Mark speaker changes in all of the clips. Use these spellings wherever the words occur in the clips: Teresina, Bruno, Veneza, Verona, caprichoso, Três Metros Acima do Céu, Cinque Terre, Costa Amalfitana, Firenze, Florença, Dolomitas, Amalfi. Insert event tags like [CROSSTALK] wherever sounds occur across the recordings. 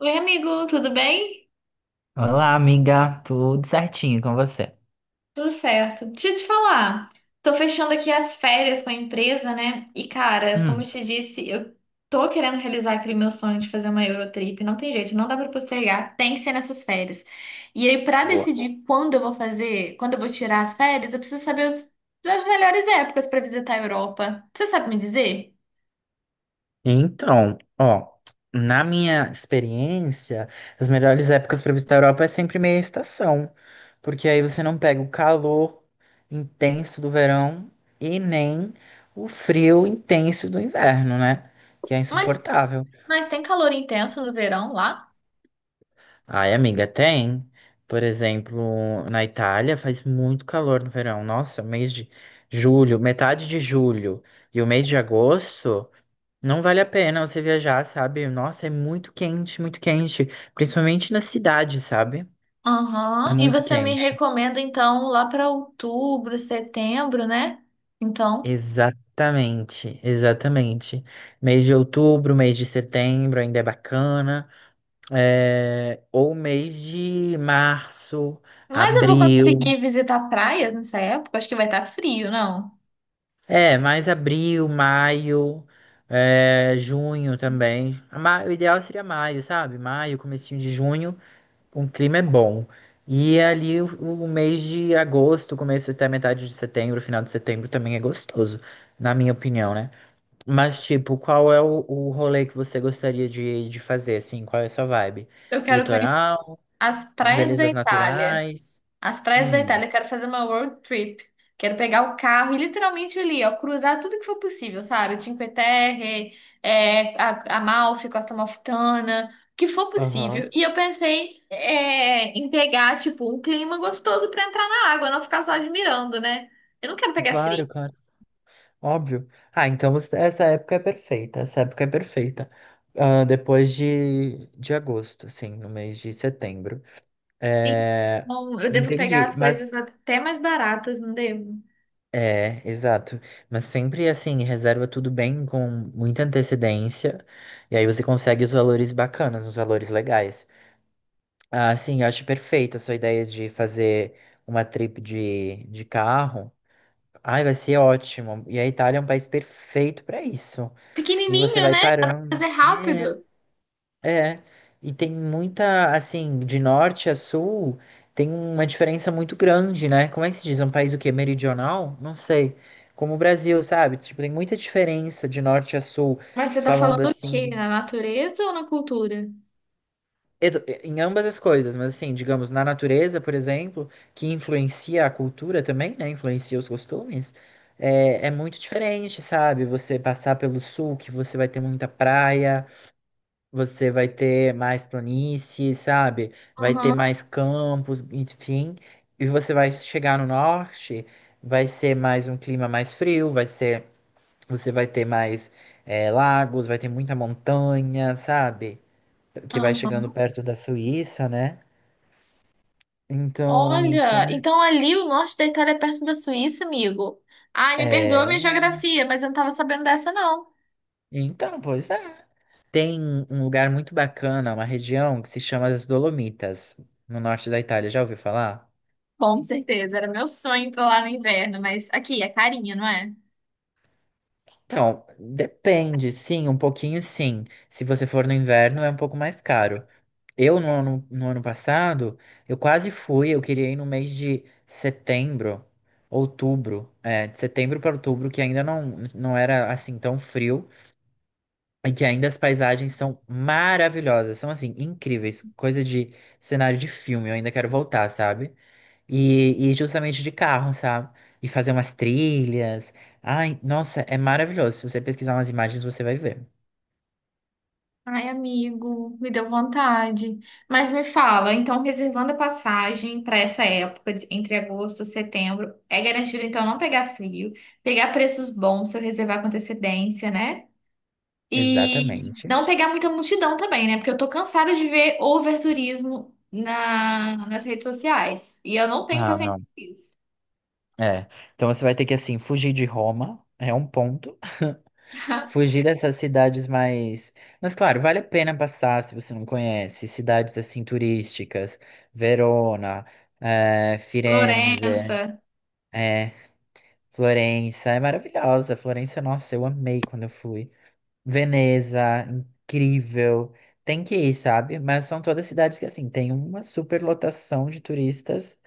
Speaker 1: Oi, amigo, tudo bem?
Speaker 2: Olá, amiga, tudo certinho com você?
Speaker 1: Tudo certo. Deixa eu te falar, tô fechando aqui as férias com a empresa, né? E, cara, como eu
Speaker 2: Hum.
Speaker 1: te disse, eu tô querendo realizar aquele meu sonho de fazer uma Eurotrip. Não tem jeito, não dá pra postergar, tem que ser nessas férias. E aí, pra
Speaker 2: Boa.
Speaker 1: decidir quando eu vou fazer, quando eu vou tirar as férias, eu preciso saber as melhores épocas pra visitar a Europa. Você sabe me dizer?
Speaker 2: Então, ó, na minha experiência, as melhores épocas para visitar a Europa é sempre meia estação, porque aí você não pega o calor intenso do verão e nem o frio intenso do inverno, né? Que é
Speaker 1: Mas,
Speaker 2: insuportável.
Speaker 1: mas tem calor intenso no verão lá?
Speaker 2: Ai, amiga, tem. Por exemplo, na Itália faz muito calor no verão. Nossa, mês de julho, metade de julho e o mês de agosto. Não vale a pena você viajar, sabe? Nossa, é muito quente, muito quente. Principalmente na cidade, sabe? É
Speaker 1: Aham. E
Speaker 2: muito
Speaker 1: você me
Speaker 2: quente.
Speaker 1: recomenda então lá para outubro, setembro, né? Então.
Speaker 2: Exatamente, exatamente. Mês de outubro, mês de setembro ainda é bacana. É, ou mês de março,
Speaker 1: Mas eu vou
Speaker 2: abril.
Speaker 1: conseguir visitar praias nessa época? Acho que vai estar frio, não?
Speaker 2: É, mais abril, maio, é, junho também. O ideal seria maio, sabe? Maio, comecinho de junho. Um clima é bom. E é ali o mês de agosto, começo até metade de setembro, final de setembro também é gostoso, na minha opinião, né? Mas, tipo, qual é o rolê que você gostaria de fazer, assim? Qual é a sua vibe?
Speaker 1: Eu quero conhecer
Speaker 2: Litoral?
Speaker 1: as praias da
Speaker 2: Belezas
Speaker 1: Itália.
Speaker 2: naturais?
Speaker 1: As praias da
Speaker 2: Hum,
Speaker 1: Itália, quero fazer uma road trip. Quero pegar o carro e literalmente ali, ó, cruzar tudo que for possível, sabe? Cinque Terre, Amalfi, Costa Amalfitana, o que for
Speaker 2: aham.
Speaker 1: possível. E eu pensei, em pegar, tipo, um clima gostoso pra entrar na água, não ficar só admirando, né? Eu não quero pegar frio.
Speaker 2: Claro, cara. Óbvio. Ah, então essa época é perfeita. Essa época é perfeita. Ah, depois de agosto, assim, no mês de setembro.
Speaker 1: Sim.
Speaker 2: É...
Speaker 1: Bom, eu devo pegar
Speaker 2: Entendi,
Speaker 1: as
Speaker 2: mas
Speaker 1: coisas até mais baratas, não devo?
Speaker 2: é, exato. Mas sempre assim, reserva tudo bem com muita antecedência. E aí você consegue os valores bacanas, os valores legais. Ah, sim, eu acho perfeita a sua ideia de fazer uma trip de carro. Ai, vai ser ótimo. E a Itália é um país perfeito para isso. E você
Speaker 1: Pequenininho,
Speaker 2: vai
Speaker 1: né? Dá pra fazer
Speaker 2: parando. É.
Speaker 1: rápido.
Speaker 2: É, e tem muita, assim, de norte a sul, tem uma diferença muito grande, né? Como é que se diz? É um país o quê? Meridional? Não sei. Como o Brasil, sabe? Tipo, tem muita diferença de norte a sul,
Speaker 1: Mas você tá
Speaker 2: falando
Speaker 1: falando o
Speaker 2: assim
Speaker 1: quê?
Speaker 2: de.
Speaker 1: Na natureza ou na cultura?
Speaker 2: Eu. Em ambas as coisas, mas assim, digamos, na natureza, por exemplo, que influencia a cultura também, né? Influencia os costumes. É, é muito diferente, sabe? Você passar pelo sul, que você vai ter muita praia. Você vai ter mais planície, sabe? Vai ter
Speaker 1: Aham,
Speaker 2: mais campos, enfim. E você vai chegar no norte, vai ser mais um clima mais frio, vai ser, você vai ter mais lagos, vai ter muita montanha, sabe? Que vai chegando
Speaker 1: aham.
Speaker 2: perto da Suíça, né? Então,
Speaker 1: Olha,
Speaker 2: são,
Speaker 1: então ali o norte da Itália é perto da Suíça, amigo. Ai, me perdoa
Speaker 2: é,
Speaker 1: a minha geografia, mas eu não tava sabendo dessa, não.
Speaker 2: então, pois é. Tem um lugar muito bacana, uma região que se chama as Dolomitas, no norte da Itália. Já ouviu falar?
Speaker 1: Com certeza, era meu sonho ir pra lá no inverno, mas aqui é carinho, não é?
Speaker 2: Então, depende, sim, um pouquinho sim. Se você for no inverno, é um pouco mais caro. Eu, no ano passado, eu quase fui, eu queria ir no mês de setembro, outubro, é, de setembro para outubro, que ainda não, não era assim tão frio, e que ainda as paisagens são maravilhosas, são assim, incríveis, coisa de cenário de filme, eu ainda quero voltar, sabe? E justamente de carro, sabe? E fazer umas trilhas. Ai, nossa, é maravilhoso. Se você pesquisar umas imagens, você vai ver.
Speaker 1: Ai, amigo, me deu vontade. Mas me fala, então reservando a passagem para essa época, entre agosto e setembro, é garantido então não pegar frio, pegar preços bons se eu reservar com antecedência, né? E
Speaker 2: Exatamente.
Speaker 1: não pegar muita multidão também, né? Porque eu tô cansada de ver overturismo na, nas redes sociais. E eu não tenho
Speaker 2: Ah,
Speaker 1: paciência
Speaker 2: não.
Speaker 1: com isso.
Speaker 2: É. Então você vai ter que, assim, fugir de Roma, é um ponto. [LAUGHS]
Speaker 1: [LAUGHS]
Speaker 2: Fugir dessas cidades mais. Mas, claro, vale a pena passar se você não conhece. Cidades, assim, turísticas. Verona, Firenze,
Speaker 1: Florença.
Speaker 2: é, Florença. É maravilhosa. Florença, nossa, eu amei quando eu fui. Veneza, incrível. Tem que ir, sabe? Mas são todas cidades que, assim, tem uma superlotação de turistas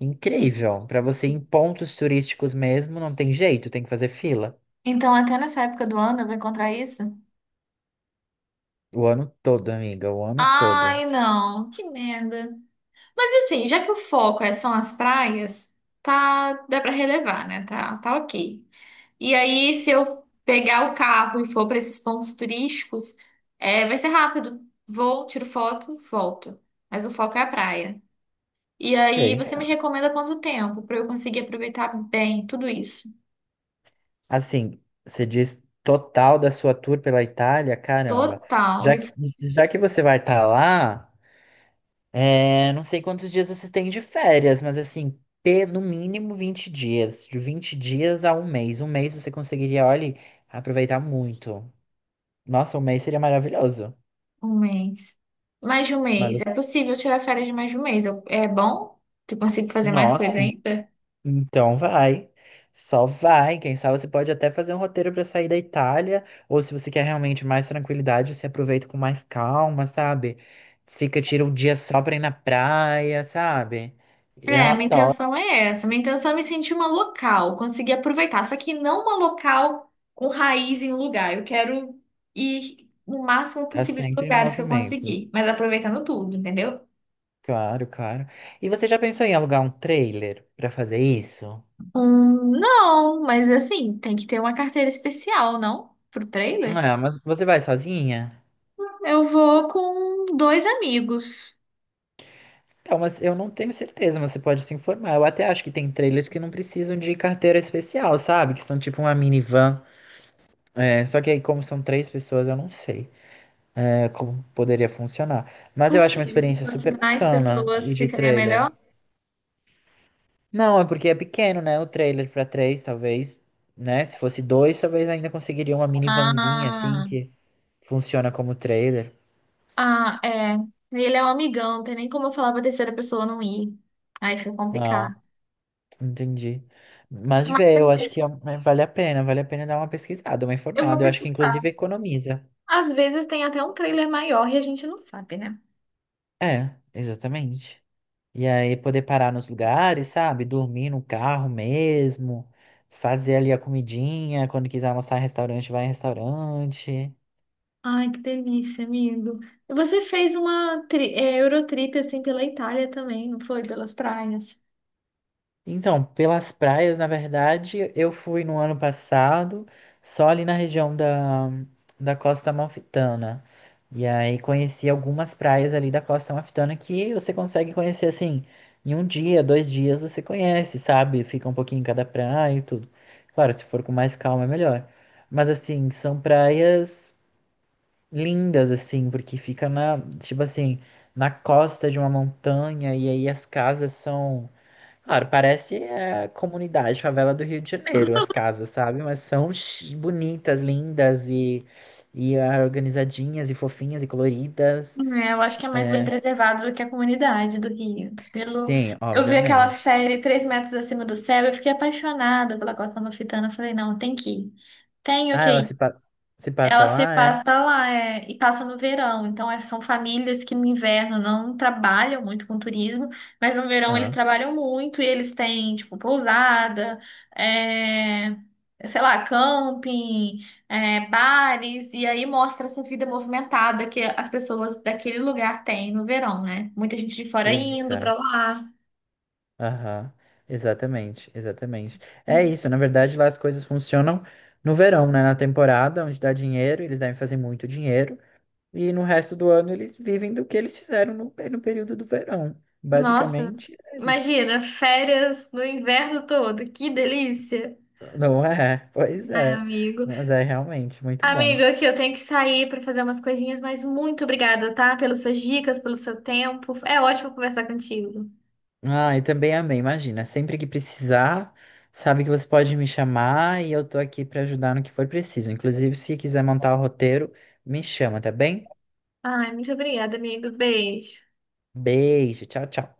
Speaker 2: incrível. Pra você ir em pontos turísticos mesmo, não tem jeito, tem que fazer fila.
Speaker 1: Então, até nessa época do ano eu vou encontrar isso?
Speaker 2: O ano todo, amiga, o ano todo.
Speaker 1: Ai, não, que merda. Mas assim, já que o foco são as praias, tá, dá pra relevar, né? Tá, tá ok. E aí, se eu pegar o carro e for para esses pontos turísticos, vai ser rápido. Vou, tiro foto, volto. Mas o foco é a praia. E aí,
Speaker 2: Ok.
Speaker 1: você me recomenda quanto tempo para eu conseguir aproveitar bem tudo isso?
Speaker 2: Assim, você diz total da sua tour pela Itália, caramba.
Speaker 1: Total,
Speaker 2: Já que,
Speaker 1: isso,
Speaker 2: já que você vai estar lá. É, não sei quantos dias vocês têm de férias, mas assim, no mínimo 20 dias. De 20 dias a um mês. Um mês você conseguiria, olha, aproveitar muito. Nossa, um mês seria maravilhoso.
Speaker 1: um mês. Mais de um
Speaker 2: Mas,
Speaker 1: mês.
Speaker 2: assim,
Speaker 1: É possível tirar férias de mais de um mês. É bom? Tu consigo fazer mais
Speaker 2: nossa,
Speaker 1: coisa ainda?
Speaker 2: então vai. Só vai. Quem sabe você pode até fazer um roteiro para sair da Itália. Ou se você quer realmente mais tranquilidade, você aproveita com mais calma, sabe? Fica, tira um dia só pra ir na praia, sabe? Eu
Speaker 1: É, minha
Speaker 2: adoro.
Speaker 1: intenção é essa. Minha intenção é me sentir uma local, conseguir aproveitar. Só que não uma local com raiz em um lugar. Eu quero ir no máximo
Speaker 2: Tá
Speaker 1: possível de
Speaker 2: sempre em
Speaker 1: lugares que eu
Speaker 2: movimento.
Speaker 1: conseguir, mas aproveitando tudo, entendeu?
Speaker 2: Claro, claro. E você já pensou em alugar um trailer pra fazer isso?
Speaker 1: Não, mas assim, tem que ter uma carteira especial, não? Pro trailer?
Speaker 2: Ah, mas você vai sozinha?
Speaker 1: Eu vou com dois amigos.
Speaker 2: Então, mas eu não tenho certeza, mas você pode se informar. Eu até acho que tem trailers que não precisam de carteira especial, sabe? Que são tipo uma minivan. É, só que aí, como são três pessoas, eu não sei, é, como poderia funcionar. Mas eu acho uma
Speaker 1: Porque se
Speaker 2: experiência
Speaker 1: fosse
Speaker 2: super
Speaker 1: mais
Speaker 2: bacana e
Speaker 1: pessoas,
Speaker 2: de
Speaker 1: ficaria
Speaker 2: trailer.
Speaker 1: melhor.
Speaker 2: Não, é porque é pequeno, né? O trailer pra três, talvez, né? Se fosse dois, talvez ainda conseguiria uma minivanzinha assim
Speaker 1: Ah.
Speaker 2: que funciona como trailer.
Speaker 1: Ah, é. Ele é um amigão, não tem nem como eu falar pra terceira pessoa não ir. Aí fica
Speaker 2: Ah,
Speaker 1: complicado.
Speaker 2: entendi. Mas
Speaker 1: Mas
Speaker 2: vê,
Speaker 1: é,
Speaker 2: eu acho que vale a pena dar uma pesquisada, uma
Speaker 1: eu vou
Speaker 2: informada. Eu acho que
Speaker 1: pesquisar.
Speaker 2: inclusive economiza.
Speaker 1: Às vezes tem até um trailer maior e a gente não sabe, né?
Speaker 2: É, exatamente. E aí poder parar nos lugares, sabe? Dormir no carro mesmo, fazer ali a comidinha, quando quiser almoçar em restaurante, vai em restaurante.
Speaker 1: Ai, que delícia, amigo. E você fez uma Eurotrip assim pela Itália também, não foi? Pelas praias.
Speaker 2: Então, pelas praias, na verdade, eu fui no ano passado, só ali na região da, da Costa Amalfitana. E aí conheci algumas praias ali da Costa Amalfitana que você consegue conhecer assim, em um dia, 2 dias você conhece, sabe? Fica um pouquinho em cada praia e tudo. Claro, se for com mais calma é melhor. Mas assim, são praias lindas, assim, porque fica na, tipo assim, na costa de uma montanha, e aí as casas são claro, parece é, comunidade, favela do Rio de Janeiro, as casas, sabe? Mas são bonitas, lindas e ah, organizadinhas e fofinhas e coloridas.
Speaker 1: É, eu acho que é mais bem
Speaker 2: É,
Speaker 1: preservado do que a comunidade do Rio. Pelo.
Speaker 2: sim,
Speaker 1: Eu vi aquela
Speaker 2: obviamente.
Speaker 1: série Três Metros Acima do Céu, eu fiquei apaixonada pela Costa Amalfitana. Eu falei, não, tem que ir. Tenho
Speaker 2: Ah,
Speaker 1: que
Speaker 2: ela se,
Speaker 1: ir.
Speaker 2: pa- se passa
Speaker 1: Ela se
Speaker 2: lá, é?
Speaker 1: passa lá, é, e passa no verão. Então, são famílias que no inverno não trabalham muito com turismo, mas no verão eles
Speaker 2: Ah,
Speaker 1: trabalham muito e eles têm, tipo, pousada, é, sei lá, camping, bares, e aí mostra essa vida movimentada que as pessoas daquele lugar têm no verão, né? Muita gente de fora indo pra
Speaker 2: exato.
Speaker 1: lá.
Speaker 2: Aham, exatamente, exatamente. É isso, na verdade, lá as coisas funcionam no verão, né? Na temporada, onde dá dinheiro, eles devem fazer muito dinheiro. E no resto do ano eles vivem do que eles fizeram no período do verão.
Speaker 1: Nossa,
Speaker 2: Basicamente é isso.
Speaker 1: imagina, férias no inverno todo, que delícia!
Speaker 2: Não é? [LAUGHS] Pois
Speaker 1: Ai,
Speaker 2: é.
Speaker 1: amigo.
Speaker 2: Mas é realmente muito bom.
Speaker 1: Amigo, aqui eu tenho que sair para fazer umas coisinhas, mas muito obrigada, tá? Pelas suas dicas, pelo seu tempo. É ótimo conversar contigo.
Speaker 2: Ah, e também amei. Imagina, sempre que precisar, sabe que você pode me chamar e eu tô aqui pra ajudar no que for preciso. Inclusive, se quiser montar o roteiro, me chama, tá bem?
Speaker 1: Ai, muito obrigada, amigo. Beijo.
Speaker 2: Beijo, tchau, tchau.